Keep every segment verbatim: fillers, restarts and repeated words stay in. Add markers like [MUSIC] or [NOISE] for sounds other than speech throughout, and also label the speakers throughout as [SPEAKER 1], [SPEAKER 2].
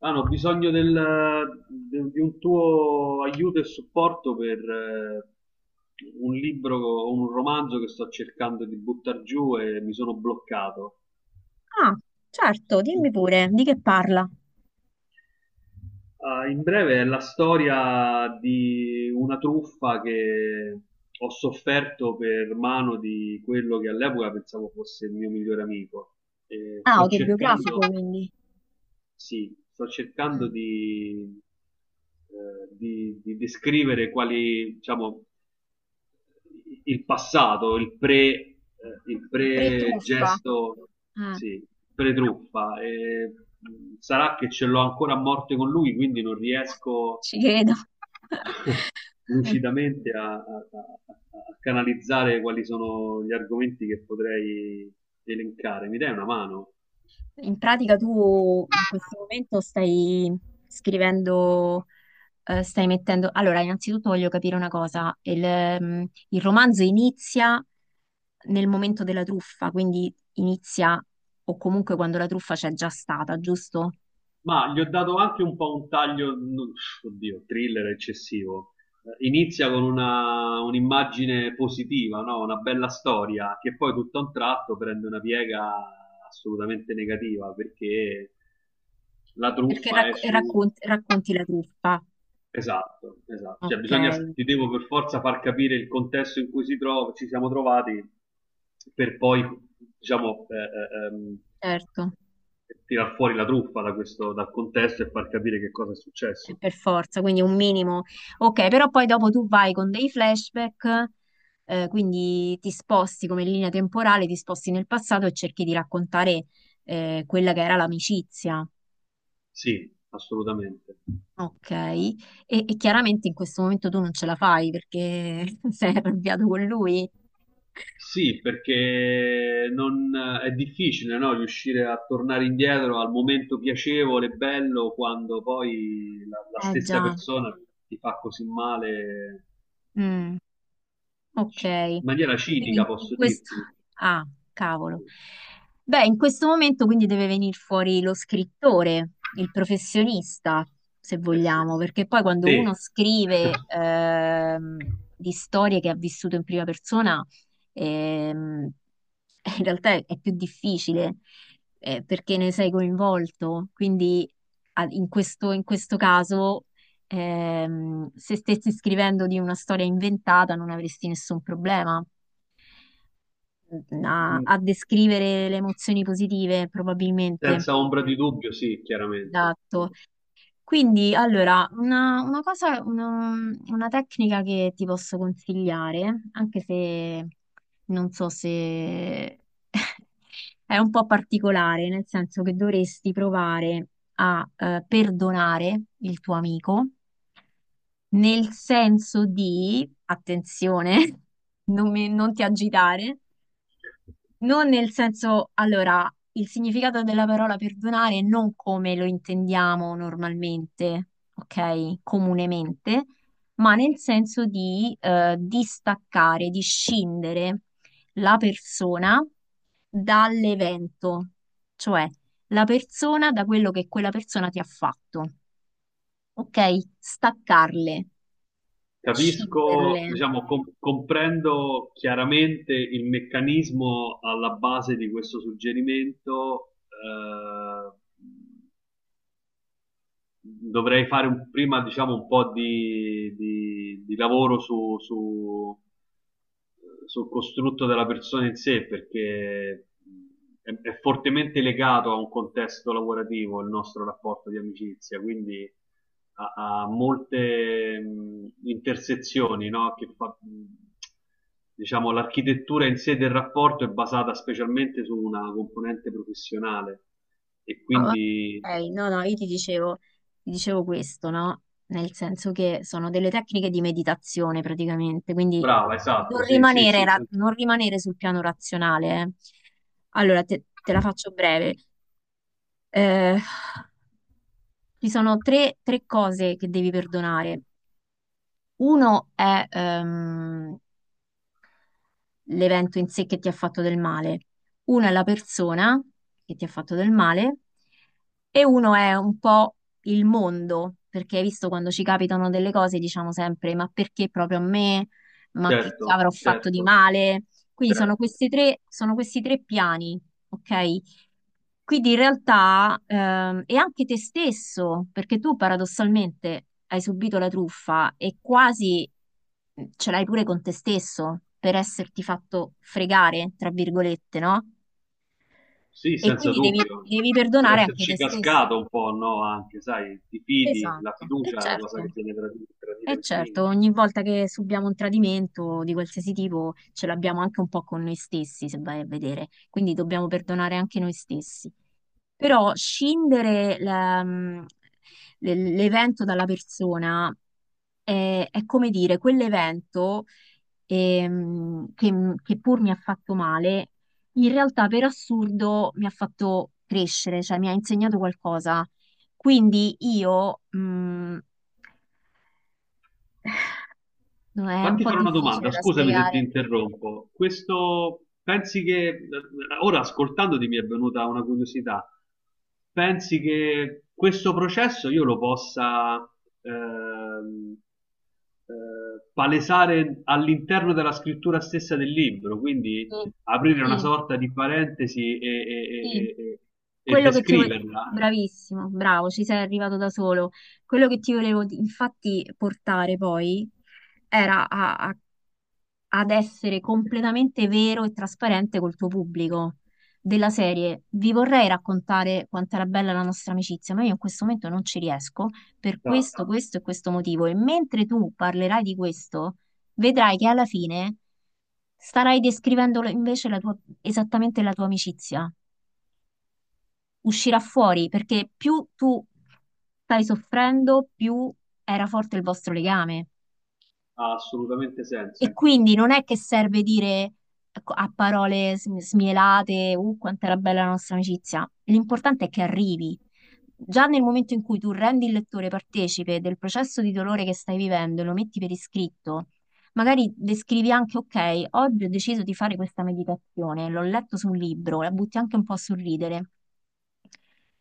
[SPEAKER 1] Hanno bisogno del- de- di un tuo aiuto e supporto per eh, un libro o un romanzo che sto cercando di buttare giù e mi sono bloccato.
[SPEAKER 2] Ah, certo, dimmi pure, di che parla?
[SPEAKER 1] Ah, in breve è la storia di una truffa che ho sofferto per mano di quello che all'epoca pensavo fosse il mio migliore amico. E
[SPEAKER 2] Ah,
[SPEAKER 1] sto cercando.
[SPEAKER 2] autobiografico, quindi.
[SPEAKER 1] Sì, sto cercando
[SPEAKER 2] Ah,
[SPEAKER 1] di, eh, di, di descrivere quali, diciamo, il passato, il pre, eh, il
[SPEAKER 2] il pre-truffa.
[SPEAKER 1] pre-gesto,
[SPEAKER 2] Ah,
[SPEAKER 1] sì, pre-truffa. E, mh, sarà che ce l'ho ancora a morte con lui, quindi non riesco
[SPEAKER 2] ci credo.
[SPEAKER 1] [LAUGHS] lucidamente a, a- a- a canalizzare quali sono gli argomenti che potrei elencare. Mi dai una mano?
[SPEAKER 2] In pratica tu in questo momento stai scrivendo, eh, stai mettendo... Allora, innanzitutto voglio capire una cosa. Il, ehm, il romanzo inizia nel momento della truffa, quindi inizia o comunque quando la truffa c'è già stata, giusto?
[SPEAKER 1] Ma gli ho dato anche un po' un taglio, non- oddio, thriller eccessivo. Eh, Inizia con una- un'immagine positiva, no? Una bella storia, che poi tutto a un tratto prende una piega assolutamente negativa, perché la
[SPEAKER 2] Perché
[SPEAKER 1] truffa è
[SPEAKER 2] racco-
[SPEAKER 1] su.
[SPEAKER 2] raccon- racconti la truffa.
[SPEAKER 1] Esatto, esatto. Cioè,
[SPEAKER 2] Ok,
[SPEAKER 1] bisogna, ti devo per forza far capire il contesto in cui si trova, ci siamo trovati per poi, diciamo, eh, eh, ehm,
[SPEAKER 2] certo.
[SPEAKER 1] tirar fuori la truffa da questo, dal contesto e far capire che cosa è
[SPEAKER 2] Eh,
[SPEAKER 1] successo.
[SPEAKER 2] per forza, quindi un minimo. Ok, però poi dopo tu vai con dei flashback, eh, quindi ti sposti come linea temporale, ti sposti nel passato e cerchi di raccontare eh, quella che era l'amicizia.
[SPEAKER 1] Sì, assolutamente.
[SPEAKER 2] Ok, e, e chiaramente in questo momento tu non ce la fai perché [LAUGHS] sei arrabbiato con lui.
[SPEAKER 1] Sì, perché non, è difficile, no, riuscire a tornare indietro al momento piacevole, e bello, quando poi la, la
[SPEAKER 2] Eh
[SPEAKER 1] stessa
[SPEAKER 2] già.
[SPEAKER 1] persona ti fa così male,
[SPEAKER 2] Mm, ok.
[SPEAKER 1] ci- in maniera
[SPEAKER 2] Quindi
[SPEAKER 1] cinica,
[SPEAKER 2] in
[SPEAKER 1] posso
[SPEAKER 2] questo...
[SPEAKER 1] dirti.
[SPEAKER 2] Ah, cavolo. Beh, in questo momento quindi deve venire fuori lo scrittore, il professionista, se
[SPEAKER 1] Eh sì.
[SPEAKER 2] vogliamo, perché poi quando uno
[SPEAKER 1] Te.
[SPEAKER 2] scrive
[SPEAKER 1] [LAUGHS]
[SPEAKER 2] ehm, di storie che ha vissuto in prima persona, ehm, [LAUGHS] in realtà è più difficile eh, perché ne sei coinvolto. Quindi a- in questo, in questo caso, ehm, se stessi scrivendo di una storia inventata, non avresti nessun problema a,
[SPEAKER 1] Mm.
[SPEAKER 2] a descrivere le emozioni positive, probabilmente.
[SPEAKER 1] Senza ombra di dubbio, sì, chiaramente.
[SPEAKER 2] Esatto. Quindi, allora, una, una cosa, una, una tecnica che ti posso consigliare, anche se non so se [LAUGHS] è un po' particolare, nel senso che dovresti provare a eh, perdonare il tuo amico, nel senso di, attenzione, [LAUGHS] non mi- non ti agitare. Non nel senso, allora, il significato della parola perdonare è non come lo intendiamo normalmente, ok? Comunemente, ma nel senso di eh, distaccare, di scindere la persona dall'evento, cioè la persona da quello che quella persona ti ha fatto, ok? Staccarle,
[SPEAKER 1] Capisco,
[SPEAKER 2] scinderle.
[SPEAKER 1] diciamo, com- comprendo chiaramente il meccanismo alla base di questo suggerimento. Eh, dovrei fare un- prima, diciamo, un po' di, di- di lavoro su, su- sul costrutto della persona in sé, perché è, è fortemente legato a un contesto lavorativo il nostro rapporto di amicizia, quindi ha, ha molte mh, intersezioni, no? Che fa, mh, diciamo, l'architettura in sé del rapporto è basata specialmente su una componente professionale, e
[SPEAKER 2] Ah,
[SPEAKER 1] quindi
[SPEAKER 2] ok, no, no, io ti dicevo, ti dicevo questo, no? Nel senso che sono delle tecniche di meditazione praticamente, quindi
[SPEAKER 1] brava, esatto,
[SPEAKER 2] non
[SPEAKER 1] sì, sì,
[SPEAKER 2] rimanere,
[SPEAKER 1] sì, sì.
[SPEAKER 2] ra- non rimanere sul piano razionale. eh. Allora, te, te la faccio breve. Eh, Ci sono tre, tre cose che devi perdonare. Uno è ehm, l'evento in sé che ti ha fatto del male. Uno è la persona che ti ha fatto del male e uno è un po' il mondo, perché hai visto quando ci capitano delle cose diciamo sempre ma perché proprio a me? Ma che
[SPEAKER 1] Certo,
[SPEAKER 2] avrò fatto di
[SPEAKER 1] certo,
[SPEAKER 2] male? Quindi sono
[SPEAKER 1] certo.
[SPEAKER 2] questi tre, sono questi tre piani, ok? Quindi in realtà ehm, è anche te stesso, perché tu paradossalmente hai subito la truffa e quasi mhmm, ce l'hai pure con te stesso per esserti fatto fregare, tra virgolette, no?
[SPEAKER 1] Sì,
[SPEAKER 2] E
[SPEAKER 1] senza
[SPEAKER 2] quindi devi,
[SPEAKER 1] dubbio,
[SPEAKER 2] devi
[SPEAKER 1] per
[SPEAKER 2] perdonare anche te
[SPEAKER 1] esserci
[SPEAKER 2] stesso.
[SPEAKER 1] cascato un po', no? Anche, sai, ti fidi, la
[SPEAKER 2] Esatto, e
[SPEAKER 1] fiducia è la cosa che
[SPEAKER 2] certo.
[SPEAKER 1] viene tradita
[SPEAKER 2] E
[SPEAKER 1] in
[SPEAKER 2] certo,
[SPEAKER 1] primis.
[SPEAKER 2] ogni volta che subiamo un tradimento di qualsiasi tipo ce l'abbiamo anche un po' con noi stessi, se vai a vedere, quindi dobbiamo perdonare anche noi stessi. Però scindere la- mh, l'e- l'evento dalla persona è, è come dire, quell'evento ehm, che, mm, che pur mi ha fatto male, in realtà per assurdo mi ha fatto crescere, cioè mi ha insegnato qualcosa. Quindi io... mh, No, è un
[SPEAKER 1] Fatti
[SPEAKER 2] po'
[SPEAKER 1] fare una
[SPEAKER 2] difficile
[SPEAKER 1] domanda,
[SPEAKER 2] da
[SPEAKER 1] scusami se ti
[SPEAKER 2] spiegare.
[SPEAKER 1] interrompo. Questo, pensi che, ora ascoltandoti mi è venuta una curiosità, pensi che questo processo io lo possa ehm, eh, palesare all'interno della scrittura stessa del libro, quindi
[SPEAKER 2] Mm.
[SPEAKER 1] aprire una
[SPEAKER 2] Sì,
[SPEAKER 1] sorta di parentesi e, e-
[SPEAKER 2] sì,
[SPEAKER 1] e- e- e
[SPEAKER 2] quello che ti volevo...
[SPEAKER 1] descriverla?
[SPEAKER 2] Bravissimo, bravo, ci sei arrivato da solo. Quello che ti volevo di- infatti portare poi era a, a ad essere completamente vero e trasparente col tuo pubblico della serie. Vi vorrei raccontare quanto era bella la nostra amicizia, ma io in questo momento non ci riesco per
[SPEAKER 1] Esatto.
[SPEAKER 2] questo, questo e questo motivo. E mentre tu parlerai di questo, vedrai che alla fine starai descrivendo la- invece la tua, esattamente la tua amicizia. Uscirà fuori perché più tu stai soffrendo, più era forte il vostro legame.
[SPEAKER 1] Ha assolutamente
[SPEAKER 2] E
[SPEAKER 1] senso.
[SPEAKER 2] quindi non è che serve dire ecco, a parole sm- smielate, uh, quanto era bella la nostra amicizia. L'importante è che arrivi. Già nel momento in cui tu rendi il lettore partecipe del processo di dolore che stai vivendo e lo metti per iscritto, magari descrivi anche, ok, oggi ho deciso di fare questa meditazione, l'ho letto su un libro, la butti anche un po' a sorridere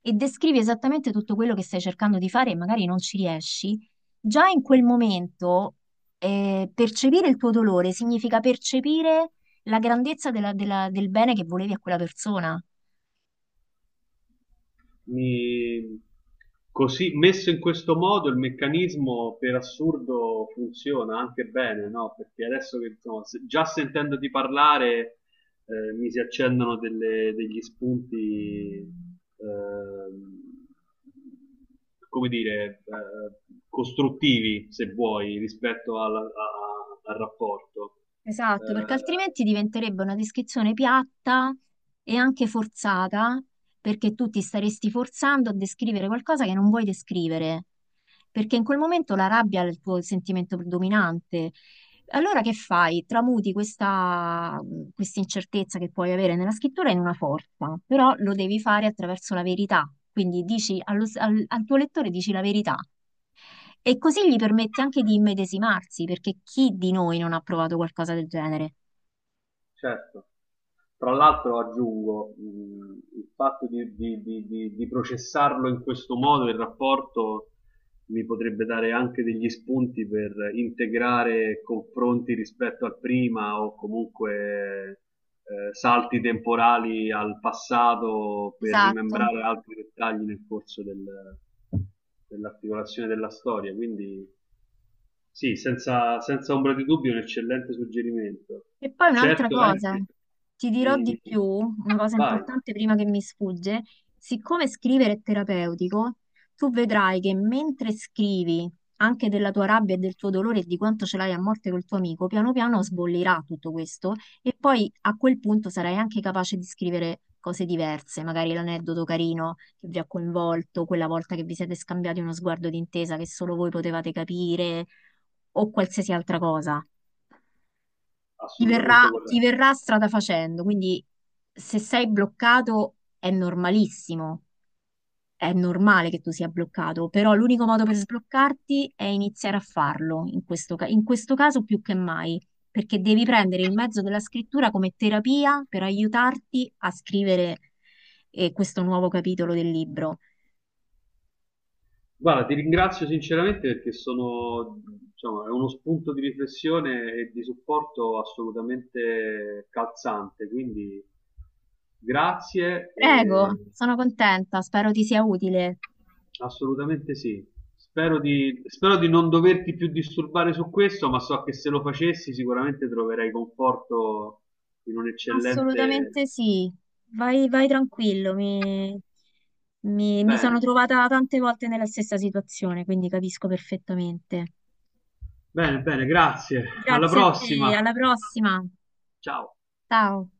[SPEAKER 2] e descrivi esattamente tutto quello che stai cercando di fare e magari non ci riesci, già in quel momento eh, percepire il tuo dolore significa percepire la grandezza della- della- del bene che volevi a quella persona.
[SPEAKER 1] mi- Così messo in questo modo il meccanismo per assurdo funziona anche bene, no? Perché adesso che insomma, se- già sentendoti parlare eh, mi si accendono delle- degli spunti, ehm, come dire, eh, costruttivi, se vuoi, rispetto alla- a- al rapporto.
[SPEAKER 2] Esatto, perché
[SPEAKER 1] Eh,
[SPEAKER 2] altrimenti diventerebbe una descrizione piatta e anche forzata, perché tu ti staresti forzando a descrivere qualcosa che non vuoi descrivere, perché in quel momento la rabbia è il tuo sentimento predominante. Allora che fai? Tramuti questa, questa incertezza che puoi avere nella scrittura in una forza, però lo devi fare attraverso la verità. Quindi dici allo- al al tuo lettore dici la verità. E così gli permette anche di immedesimarsi, perché chi di noi non ha provato qualcosa del genere?
[SPEAKER 1] certo. Tra l'altro aggiungo, mh, il fatto di, di- di- di- di processarlo in questo modo, il rapporto mi potrebbe dare anche degli spunti per integrare confronti rispetto al prima o comunque eh, salti temporali al passato per
[SPEAKER 2] Esatto.
[SPEAKER 1] rimembrare altri dettagli nel corso del- dell'articolazione della storia. Quindi sì, senza, senza ombra di dubbio, è un eccellente suggerimento.
[SPEAKER 2] E poi un'altra
[SPEAKER 1] Certo è
[SPEAKER 2] cosa,
[SPEAKER 1] che
[SPEAKER 2] ti dirò
[SPEAKER 1] mi-
[SPEAKER 2] di
[SPEAKER 1] mi-
[SPEAKER 2] più, una cosa
[SPEAKER 1] vai,
[SPEAKER 2] importante prima che mi sfugge, siccome scrivere è terapeutico, tu vedrai che mentre scrivi anche della tua rabbia e del tuo dolore e di quanto ce l'hai a morte col tuo amico, piano piano sbollirà tutto questo e poi a quel punto sarai anche capace di scrivere cose diverse, magari l'aneddoto carino che vi ha coinvolto, quella volta che vi siete scambiati uno sguardo d'intesa che solo voi potevate capire o qualsiasi altra cosa. Ti verrà,
[SPEAKER 1] assolutamente
[SPEAKER 2] ti
[SPEAKER 1] corretto.
[SPEAKER 2] verrà strada facendo, quindi se sei bloccato è normalissimo, è normale che tu sia bloccato, però l'unico modo per sbloccarti è iniziare a farlo, in questo, ca- in questo caso più che mai, perché devi prendere il mezzo della scrittura come terapia per aiutarti a scrivere eh, questo nuovo capitolo del libro.
[SPEAKER 1] Guarda, ti ringrazio sinceramente perché sono, diciamo, è uno spunto di riflessione e di supporto assolutamente calzante, quindi grazie
[SPEAKER 2] Prego,
[SPEAKER 1] e
[SPEAKER 2] sono contenta, spero ti sia utile.
[SPEAKER 1] assolutamente sì. Spero di, spero di non doverti più disturbare su questo, ma so che se lo facessi sicuramente troverai conforto in un eccellente...
[SPEAKER 2] Assolutamente sì, vai, vai tranquillo, mi, mi- mi sono
[SPEAKER 1] Bene,
[SPEAKER 2] trovata tante volte nella stessa situazione, quindi capisco perfettamente.
[SPEAKER 1] bene, bene, grazie. Alla
[SPEAKER 2] Grazie a te,
[SPEAKER 1] prossima.
[SPEAKER 2] alla prossima.
[SPEAKER 1] Ciao.
[SPEAKER 2] Ciao.